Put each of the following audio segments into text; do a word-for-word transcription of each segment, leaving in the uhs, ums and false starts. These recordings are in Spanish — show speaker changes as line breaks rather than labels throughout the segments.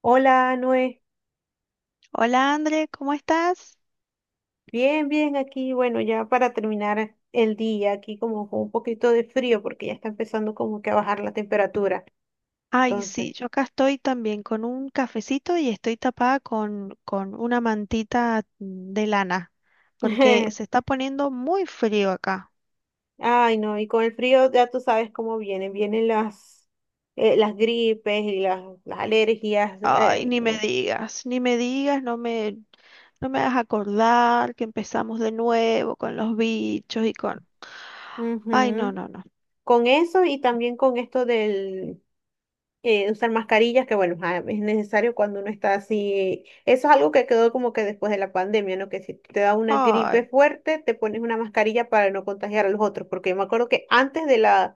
Hola, Noé.
Hola André, ¿cómo estás?
Bien, bien aquí. Bueno, ya para terminar el día, aquí como con un poquito de frío porque ya está empezando como que a bajar la temperatura.
Ay, sí,
Entonces,
yo acá estoy también con un cafecito y estoy tapada con, con una mantita de lana, porque se está poniendo muy frío acá.
ay, no, y con el frío ya tú sabes cómo vienen. Vienen las, eh, las gripes y las, las alergias.
Ay,
Ay,
ni me
no.
digas, ni me digas, no me, no me hagas acordar que empezamos de nuevo con los bichos y con... Ay, no,
Ujú.
no, no.
Con eso y también con esto del, eh, usar mascarillas, que bueno, ah, es necesario cuando uno está así. Eso es algo que quedó como que después de la pandemia, ¿no? Que si te da una gripe
Ay,
fuerte, te pones una mascarilla para no contagiar a los otros, porque yo me acuerdo que antes de la,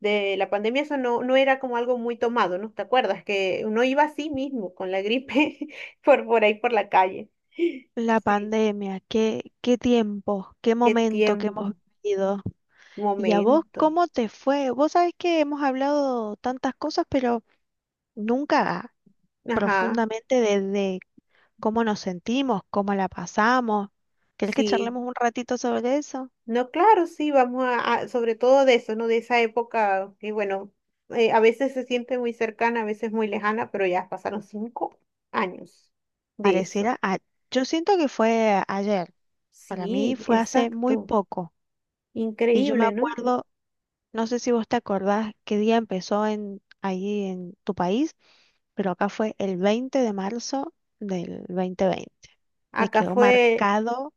de la pandemia eso no, no era como algo muy tomado, ¿no? ¿Te acuerdas? Que uno iba así mismo con la gripe por, por ahí por la calle.
la
Sí,
pandemia, qué, qué tiempo, qué
qué
momento que hemos
tiempo,
vivido. ¿Y a vos
momento.
cómo te fue? Vos sabés que hemos hablado tantas cosas, pero nunca
Ajá,
profundamente desde cómo nos sentimos, cómo la pasamos. ¿Querés que
sí.
charlemos un ratito sobre eso?
No, claro, sí, vamos a, a- sobre todo de eso, ¿no? De esa época que, bueno, eh, a veces se siente muy cercana, a veces muy lejana, pero ya pasaron cinco años de eso.
Pareciera, a- yo siento que fue ayer, para mí
Sí,
fue hace muy
exacto.
poco. Y yo me
Increíble, ¿no?
acuerdo, no sé si vos te acordás qué día empezó en, ahí en tu país, pero acá fue el veinte de marzo del dos mil veinte. Me
Acá
quedó
fue,
marcado.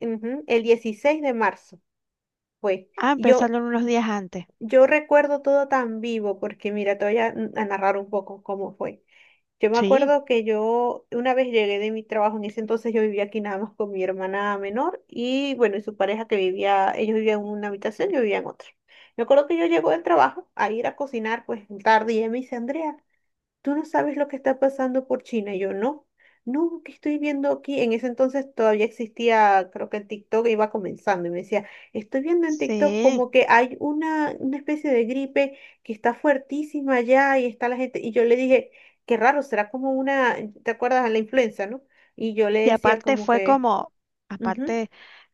ujú, el dieciséis de marzo, fue.
Ah,
Y Yo,
empezaron unos días antes.
yo recuerdo todo tan vivo, porque mira, te voy a, mm, a narrar un poco cómo fue. Yo me
Sí,
acuerdo que yo una vez llegué de mi trabajo, en ese entonces yo vivía aquí nada más con mi hermana menor y bueno, y su pareja que vivía, ellos vivían en una habitación, yo vivía en otra. Me acuerdo que yo llego del trabajo a ir a cocinar pues tarde y ella me dice, Andrea, tú no sabes lo que está pasando por China. Y yo, no, no, que estoy viendo aquí. En ese entonces todavía existía, creo que el TikTok iba comenzando y me decía, estoy viendo en TikTok
sí.
como que hay una, una especie de gripe que está fuertísima allá y está la gente. Y yo le dije, qué raro, será como una, ¿te acuerdas de la influenza, no? Y yo le
Y
decía
aparte
como
fue
que...
como,
"Ujú".
aparte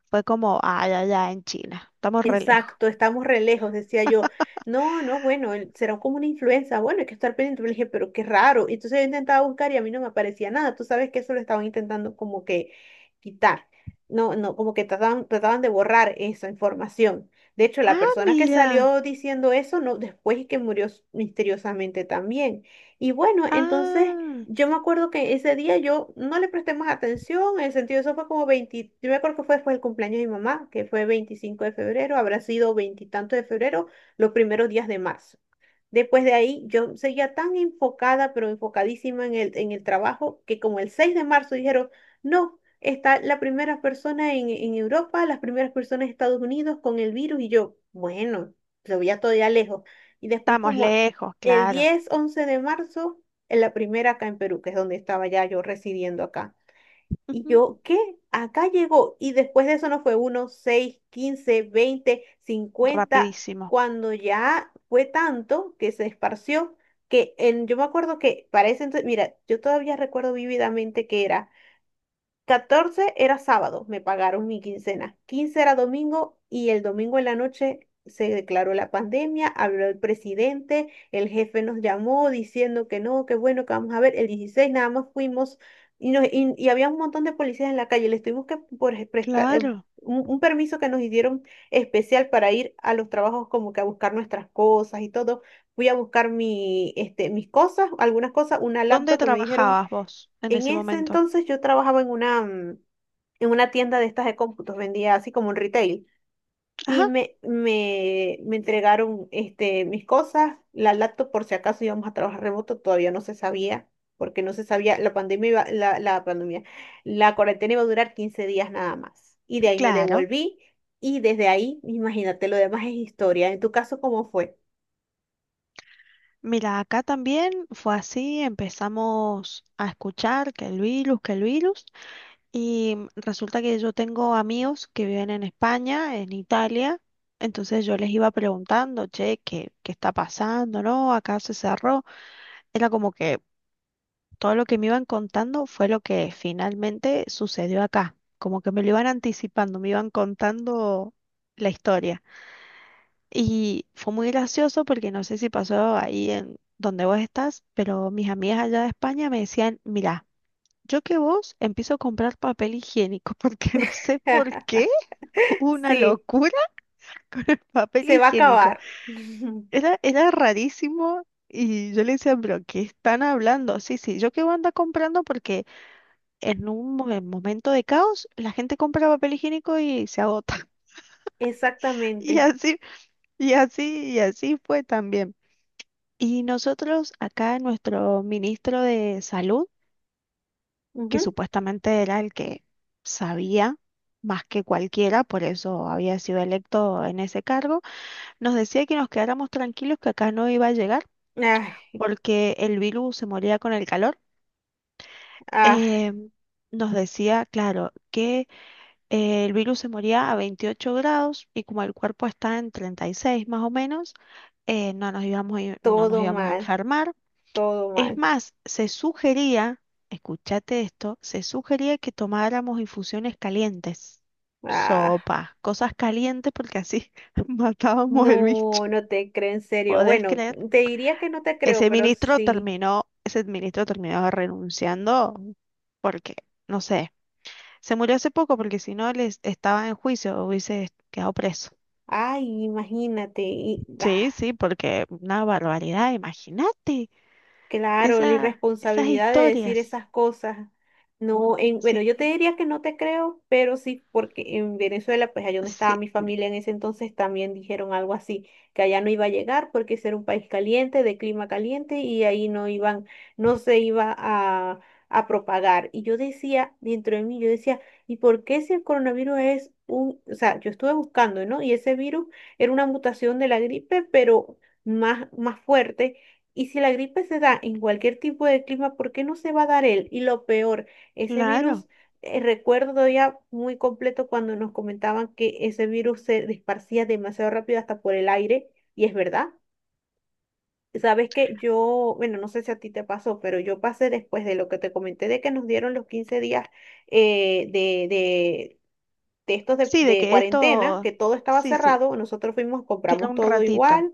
fue como, ay, allá en China. Estamos re lejos.
Exacto, estamos re lejos, decía yo. No, no, bueno, él- será como una influenza. Bueno, hay que estar pendiente. Le dije, pero qué raro. Y entonces yo intentaba buscar y a mí no me aparecía nada. Tú sabes que eso lo estaban intentando como que quitar. No, no, como que trataban, trataban de borrar esa información. De hecho, la
Ah,
persona que
mira.
salió diciendo eso, no, después es que murió s- misteriosamente también. Y bueno, entonces
Ah,
yo me acuerdo que ese día yo no le presté más atención, en el sentido, eso fue como veinte, yo me acuerdo que fue después del cumpleaños de mi mamá, que fue veinticinco de febrero, habrá sido veintitanto de febrero, los primeros días de marzo. Después de ahí, yo seguía tan enfocada, pero enfocadísima en el, en el, trabajo, que como el seis de marzo dijeron, no, está la primera persona en, en Europa, las primeras personas en Estados Unidos con el virus, y yo, bueno, se veía todavía lejos. Y después
estamos
como
lejos,
el
claro.
diez once de marzo, en la primera acá en Perú, que es donde estaba ya yo residiendo acá. Y
Ujú.
yo, ¿qué? Acá llegó. Y después de eso no fue uno, seis, quince, veinte, cincuenta
Rapidísimo.
cuando ya fue tanto que se esparció, que en, yo me acuerdo que para ese entonces, mira, yo todavía recuerdo vívidamente que era catorce, era sábado, me pagaron mi quincena. Quince era domingo y el domingo en la noche se declaró la pandemia, habló el presidente, el jefe nos llamó diciendo que no, que bueno, que vamos a ver. El dieciséis nada más fuimos y, nos- y, y había un montón de policías en la calle. Les tuvimos que por prestar eh,
Claro.
un, un, permiso que nos dieron especial para ir a los trabajos como que a buscar nuestras cosas y todo. Fui a buscar mi, este, mis cosas, algunas cosas, una
¿Dónde
laptop que me dijeron.
trabajabas vos en
En
ese
ese
momento?
entonces yo trabajaba en una, mm, en una tienda de estas de cómputos, vendía así como un retail. Y
Ajá,
me, me, me entregaron este, mis cosas, la laptop por si acaso íbamos a trabajar remoto, todavía no se sabía, porque no se sabía, la pandemia iba- la, la pandemia, la cuarentena iba a durar quince días nada más. Y de ahí me
claro.
devolví y desde ahí, imagínate, lo demás es historia. En tu caso, ¿cómo fue?
Mira, acá también fue así, empezamos a escuchar que el virus, que el virus. Y resulta que yo tengo amigos que viven en España, en Italia, entonces yo les iba preguntando, che, ¿qué, qué está pasando? ¿No? Acá se cerró. Era como que todo lo que me iban contando fue lo que finalmente sucedió acá. Como que me lo iban anticipando, me iban contando la historia. Y fue muy gracioso porque no sé si pasó ahí en donde vos estás, pero mis amigas allá de España me decían, mirá. Yo que vos empiezo a comprar papel higiénico, porque no sé por qué hubo una
Sí,
locura con el papel
se va a
higiénico.
acabar.
Era, era rarísimo y yo le decía, pero ¿qué están hablando? Sí, sí, yo que vos anda comprando porque en un mo- en momento de caos la gente compra papel higiénico y se agota. Y
Exactamente.
así, y así, y así fue también. Y nosotros acá, nuestro ministro de Salud, que
Ujú.
supuestamente era el que sabía más que cualquiera, por eso había sido electo en ese cargo, nos decía que nos quedáramos tranquilos que acá no iba a llegar
Ay,
porque el virus se moría con el calor.
ah
Eh, Nos decía, claro, que eh, el virus se moría a veintiocho grados y como el cuerpo está en treinta y seis más o menos, eh, no nos íbamos, a ir- no nos
Todo
íbamos a
mal,
enfermar.
todo
Es
mal.
más, se sugería, escúchate esto, se sugería que tomáramos infusiones calientes,
Ah,
sopa, cosas calientes porque así matábamos el bicho.
no, no te creo en serio.
¿Podés
Bueno,
creer?
te diría que no te creo,
Ese
pero
ministro
sí.
terminó, ese ministro terminó renunciando porque, no sé, se murió hace poco porque si no les estaba en juicio, hubiese quedado preso.
Ay, imagínate. y- ah,
Sí, sí, porque una barbaridad, imagínate
Claro, la
esa, esas
irresponsabilidad de decir
historias.
esas cosas. No, en, bueno, yo
Sí,
te diría que no te creo, pero sí, porque en Venezuela, pues allá donde estaba
sí,
mi familia en ese entonces, también dijeron algo así, que allá no iba a llegar porque ese era un país caliente, de clima caliente, y ahí no iban, no se iba a, a propagar. Y yo decía, dentro de mí, yo decía, ¿y por qué si el coronavirus es un, o sea, yo estuve buscando, ¿no? Y ese virus era una mutación de la gripe, pero más, más fuerte. Y si la gripe se da en cualquier tipo de clima, ¿por qué no se va a dar él? Y lo peor, ese
claro.
virus, eh, recuerdo ya muy completo cuando nos comentaban que ese virus se esparcía demasiado rápido hasta por el aire, y es verdad. Sabes que yo, bueno, no sé si a ti te pasó, pero yo pasé después de lo que te comenté de que nos dieron los quince días eh, de, de, de estos de,
Sí, de
de
que
cuarentena,
esto,
que todo estaba
sí, sí,
cerrado, nosotros fuimos,
queda
compramos
un
todo
ratito,
igual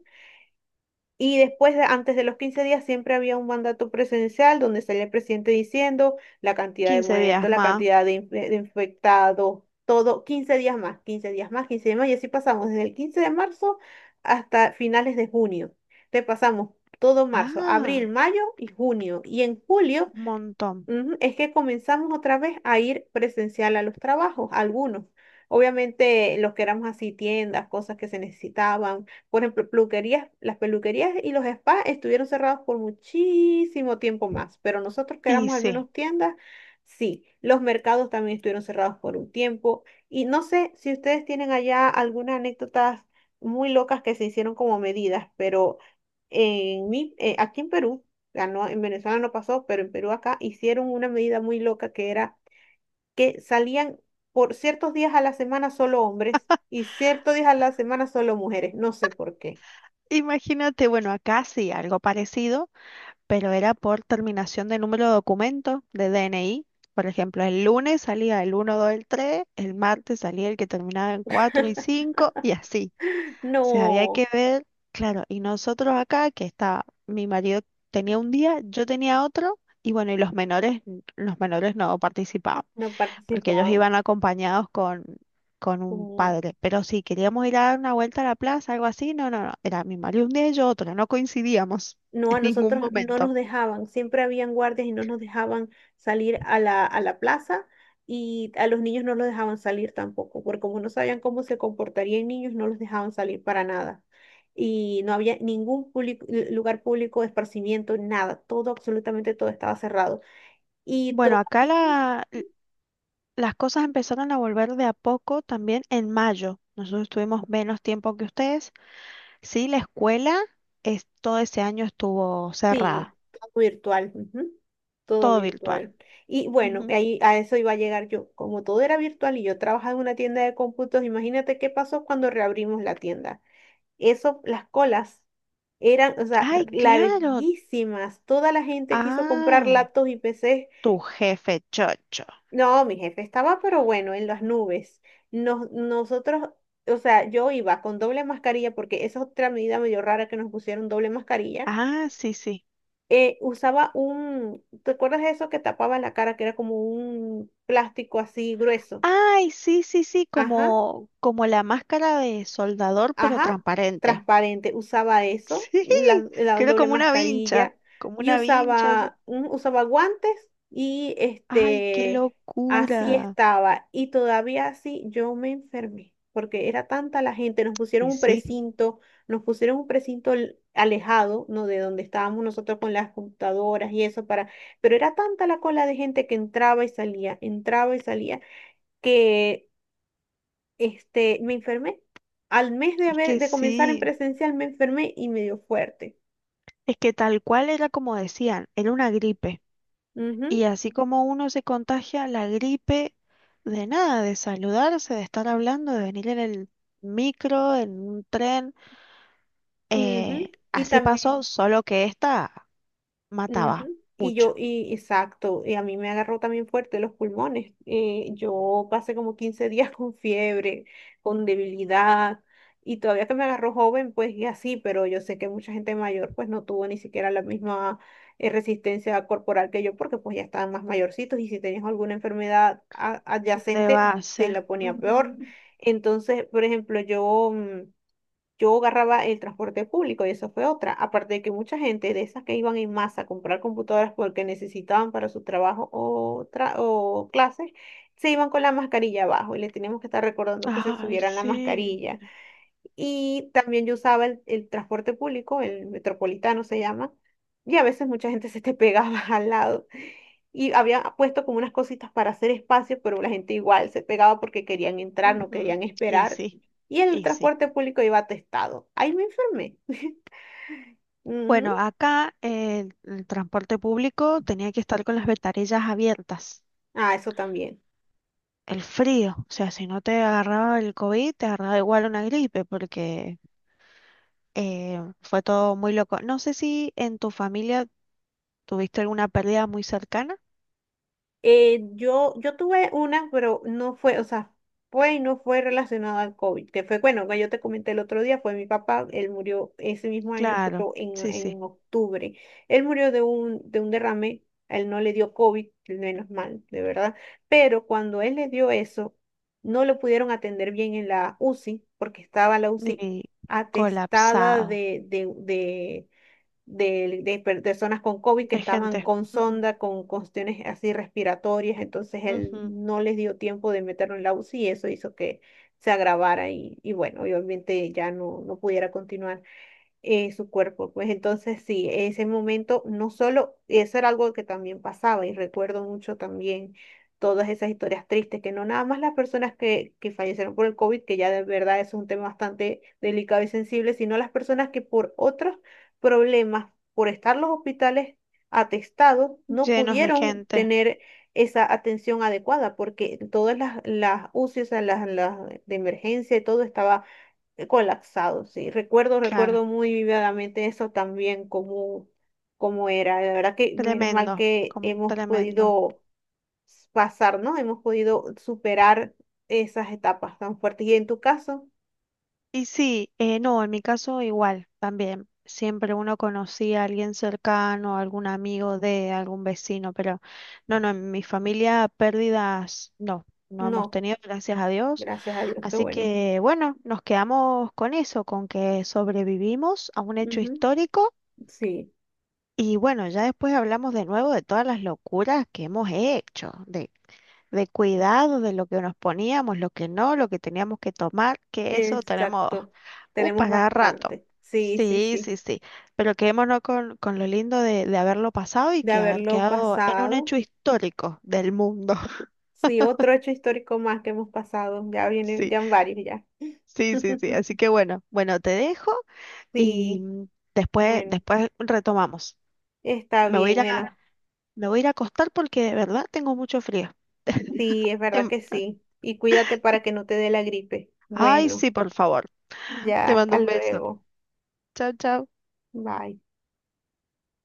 y después, de- antes de los quince días, siempre había un mandato presidencial donde salía el presidente diciendo la cantidad de
quince días
muertos, la
más.
cantidad de, inf- de infectados, todo, quince días más, quince días más, quince días más, y así pasamos desde el quince de marzo hasta finales de junio. Te pasamos todo marzo, abril,
Ah,
mayo y junio. Y en julio,
un montón.
ujú, es que comenzamos otra vez a ir presencial a los trabajos, algunos. Obviamente los que éramos así, tiendas, cosas que se necesitaban. Por ejemplo, peluquerías, las peluquerías y los spas estuvieron cerrados por muchísimo tiempo más, pero nosotros que
Y
éramos al
sí,
menos tiendas, sí. Los mercados también estuvieron cerrados por un tiempo. Y no sé si ustedes tienen allá algunas anécdotas muy locas que se hicieron como medidas, pero en mi, eh, aquí en Perú ganó, en Venezuela no pasó, pero en Perú acá hicieron una medida muy loca que era que salían por ciertos días a la semana solo hombres y ciertos días a la semana solo mujeres, no sé por qué.
imagínate, bueno, acá sí, algo parecido, pero era por terminación de número de documento de D N I. Por ejemplo, el lunes salía el uno, dos, el tres, el martes salía el que terminaba en cuatro y cinco y así. O sea, había que
No,
ver, claro, y nosotros acá, que estaba mi marido tenía un día, yo tenía otro, y bueno, y los menores, los menores no participaban.
no
Porque ellos
participaban.
iban acompañados con, con un padre. Pero si queríamos ir a dar una vuelta a la plaza, algo así, no, no, no, era mi marido un día y yo otro, no coincidíamos
No,
en
a
ningún
nosotros no
momento.
nos dejaban, siempre habían guardias y no nos dejaban salir a la, a la plaza y a los niños no los dejaban salir tampoco, porque como no sabían cómo se comportarían niños, no los dejaban salir para nada. Y no había ningún público- lu- lugar público de esparcimiento, nada, todo, absolutamente todo estaba cerrado. Y
Bueno, acá
todavía.
la- las cosas empezaron a volver de a poco también en mayo. Nosotros tuvimos menos tiempo que ustedes. Sí, la escuela es, todo ese año estuvo
Sí,
cerrada,
todo virtual, ujú. Todo
todo virtual.
virtual. Y bueno,
Ujú.
ahí a eso iba a llegar yo. Como todo era virtual y yo trabajaba en una tienda de cómputos, imagínate qué pasó cuando reabrimos la tienda. Eso, las colas eran, o sea, r-
Ay, claro.
larguísimas. Toda la gente quiso comprar
Ay,
laptops y P Cs.
tu jefe chocho.
No, mi jefe estaba, pero bueno, en las nubes. Nos, nosotros, o sea, yo iba con doble mascarilla porque esa es otra medida medio rara que nos pusieron doble mascarilla,
Ah, sí, sí.
eh, usaba un, ¿te acuerdas de eso que tapaba la cara, que era como un plástico así grueso?
Ay, sí, sí, sí,
Ajá.
como, como la máscara de soldador, pero
Ajá,
transparente.
transparente, usaba eso,
Sí,
la, la
que era
doble
como una vincha,
mascarilla
como
y
una vincha, así.
usaba, mm, usaba guantes y
Ay, qué
este, así
locura.
estaba. Y todavía así yo me enfermé, porque era tanta la gente, nos pusieron
Y
un
sí,
precinto, nos pusieron un precinto l- alejado, ¿no? De donde estábamos nosotros con las computadoras y eso para, pero era tanta la cola de gente que entraba y salía, entraba y salía, que este, me enfermé. Al mes de
es
haber,
que
de comenzar en
sí,
presencial me enfermé y me dio fuerte.
es que tal cual era como decían, era una gripe.
Ujú,
Y así como uno se contagia la gripe de nada, de saludarse, de estar hablando, de venir en el micro, en un tren,
ujú.
eh,
Y
así pasó,
también.
solo que esta mataba.
Ujú. Y yo, y exacto, y a mí me agarró también fuerte los pulmones. Eh, yo pasé como quince días con fiebre, con debilidad, y todavía que me agarró joven, pues y así, pero yo sé que mucha gente mayor pues no tuvo ni siquiera la misma eh, resistencia corporal que yo, porque pues ya estaban más mayorcitos y si tenías alguna enfermedad a-
De
adyacente, te
base.
la ponía peor.
Ujú.
Entonces, por ejemplo, yo... mm, yo agarraba el transporte público y eso fue otra. Aparte de que mucha gente de esas que iban en masa a comprar computadoras porque necesitaban para su trabajo o, tra- o clases, se iban con la mascarilla abajo y les teníamos que estar recordando que se
Ay,
subieran la
sí.
mascarilla. Y también yo usaba el, el transporte público, el metropolitano se llama, y a veces mucha gente se te pegaba al lado. Y había puesto como unas cositas para hacer espacio, pero la gente igual se pegaba porque querían entrar, no
Ujú.
querían
Y
esperar.
sí,
Y el
y sí.
transporte público iba atestado. Ahí me enfermé.
Bueno,
Ujú.
acá el, el transporte público tenía que estar con las ventanillas abiertas.
Ah, eso también.
El frío, o sea, si no te agarraba el COVID, te agarraba igual una gripe, porque eh, fue todo muy loco. No sé si en tu familia tuviste alguna pérdida muy cercana.
Eh, yo, yo tuve una, pero no fue, o sea, fue y no fue relacionada al COVID, que fue, bueno, que yo te comenté el otro día, fue mi papá, él murió ese mismo año,
Claro,
pero en,
sí, sí.
en octubre. Él murió de un, de un derrame, a él no le dio COVID, menos mal, de verdad, pero cuando él le dio eso, no lo pudieron atender bien en la UCI, porque estaba la UCI
Y
atestada
colapsado
de, de, de de, de per- personas con COVID que
de
estaban
gente.
con
Ujú,
sonda, con cuestiones así respiratorias, entonces él
ujú.
no les dio tiempo de meterlo en la UCI y eso hizo que se agravara y, y bueno, y obviamente ya no, no pudiera continuar, eh, su cuerpo. Pues entonces sí, ese momento no solo, eso era algo que también pasaba y recuerdo mucho también todas esas historias tristes, que no nada más las personas que, que fallecieron por el COVID, que ya de verdad eso es un tema bastante delicado y sensible, sino las personas que por otros problemas, por estar los hospitales atestados, no
Llenos de
pudieron
gente.
tener esa atención adecuada, porque todas las, las UCI, o sea, las, las de emergencia y todo estaba colapsado, sí. Recuerdo,
Claro,
recuerdo muy vividamente eso también, cómo, cómo era. La verdad que menos mal
tremendo,
que
com-
hemos
tremendo.
podido pasar, ¿no? Hemos podido superar esas etapas tan fuertes. Y en tu caso,
Y sí, eh, no, en mi caso igual, también. Siempre uno conocía a alguien cercano, algún amigo de algún vecino, pero no, no, en mi familia pérdidas no, no hemos
no,
tenido, gracias a Dios.
gracias a Dios, qué
Así
bueno.
que bueno, nos quedamos con eso, con que sobrevivimos a un hecho
Ujú.
histórico
Sí,
y bueno, ya después hablamos de nuevo de todas las locuras que hemos hecho, de de cuidado de lo que nos poníamos, lo que no, lo que teníamos que tomar, que eso tenemos
exacto.
uh,
Tenemos
para cada rato.
bastante. Sí, sí,
Sí,
sí.
sí, sí. Pero quedémonos con, con lo lindo de, de haberlo pasado y
De
que haber
haberlo
quedado en un
pasado.
hecho histórico del mundo.
Sí, otro hecho histórico más que hemos pasado. Ya viene,
Sí,
ya van varios ya.
sí, sí, sí. Así que bueno, bueno, te dejo y
Sí,
mm, después,
bueno.
después retomamos.
Está
Me voy a
bien,
ir
bueno,
a, me voy a ir a acostar porque de verdad tengo mucho frío.
sí, es verdad
Te-
que sí. Y cuídate para que no te dé la gripe.
Ay,
Bueno,
sí, por favor.
ya,
Te mando
hasta
un beso.
luego.
Chao, chao.
Bye.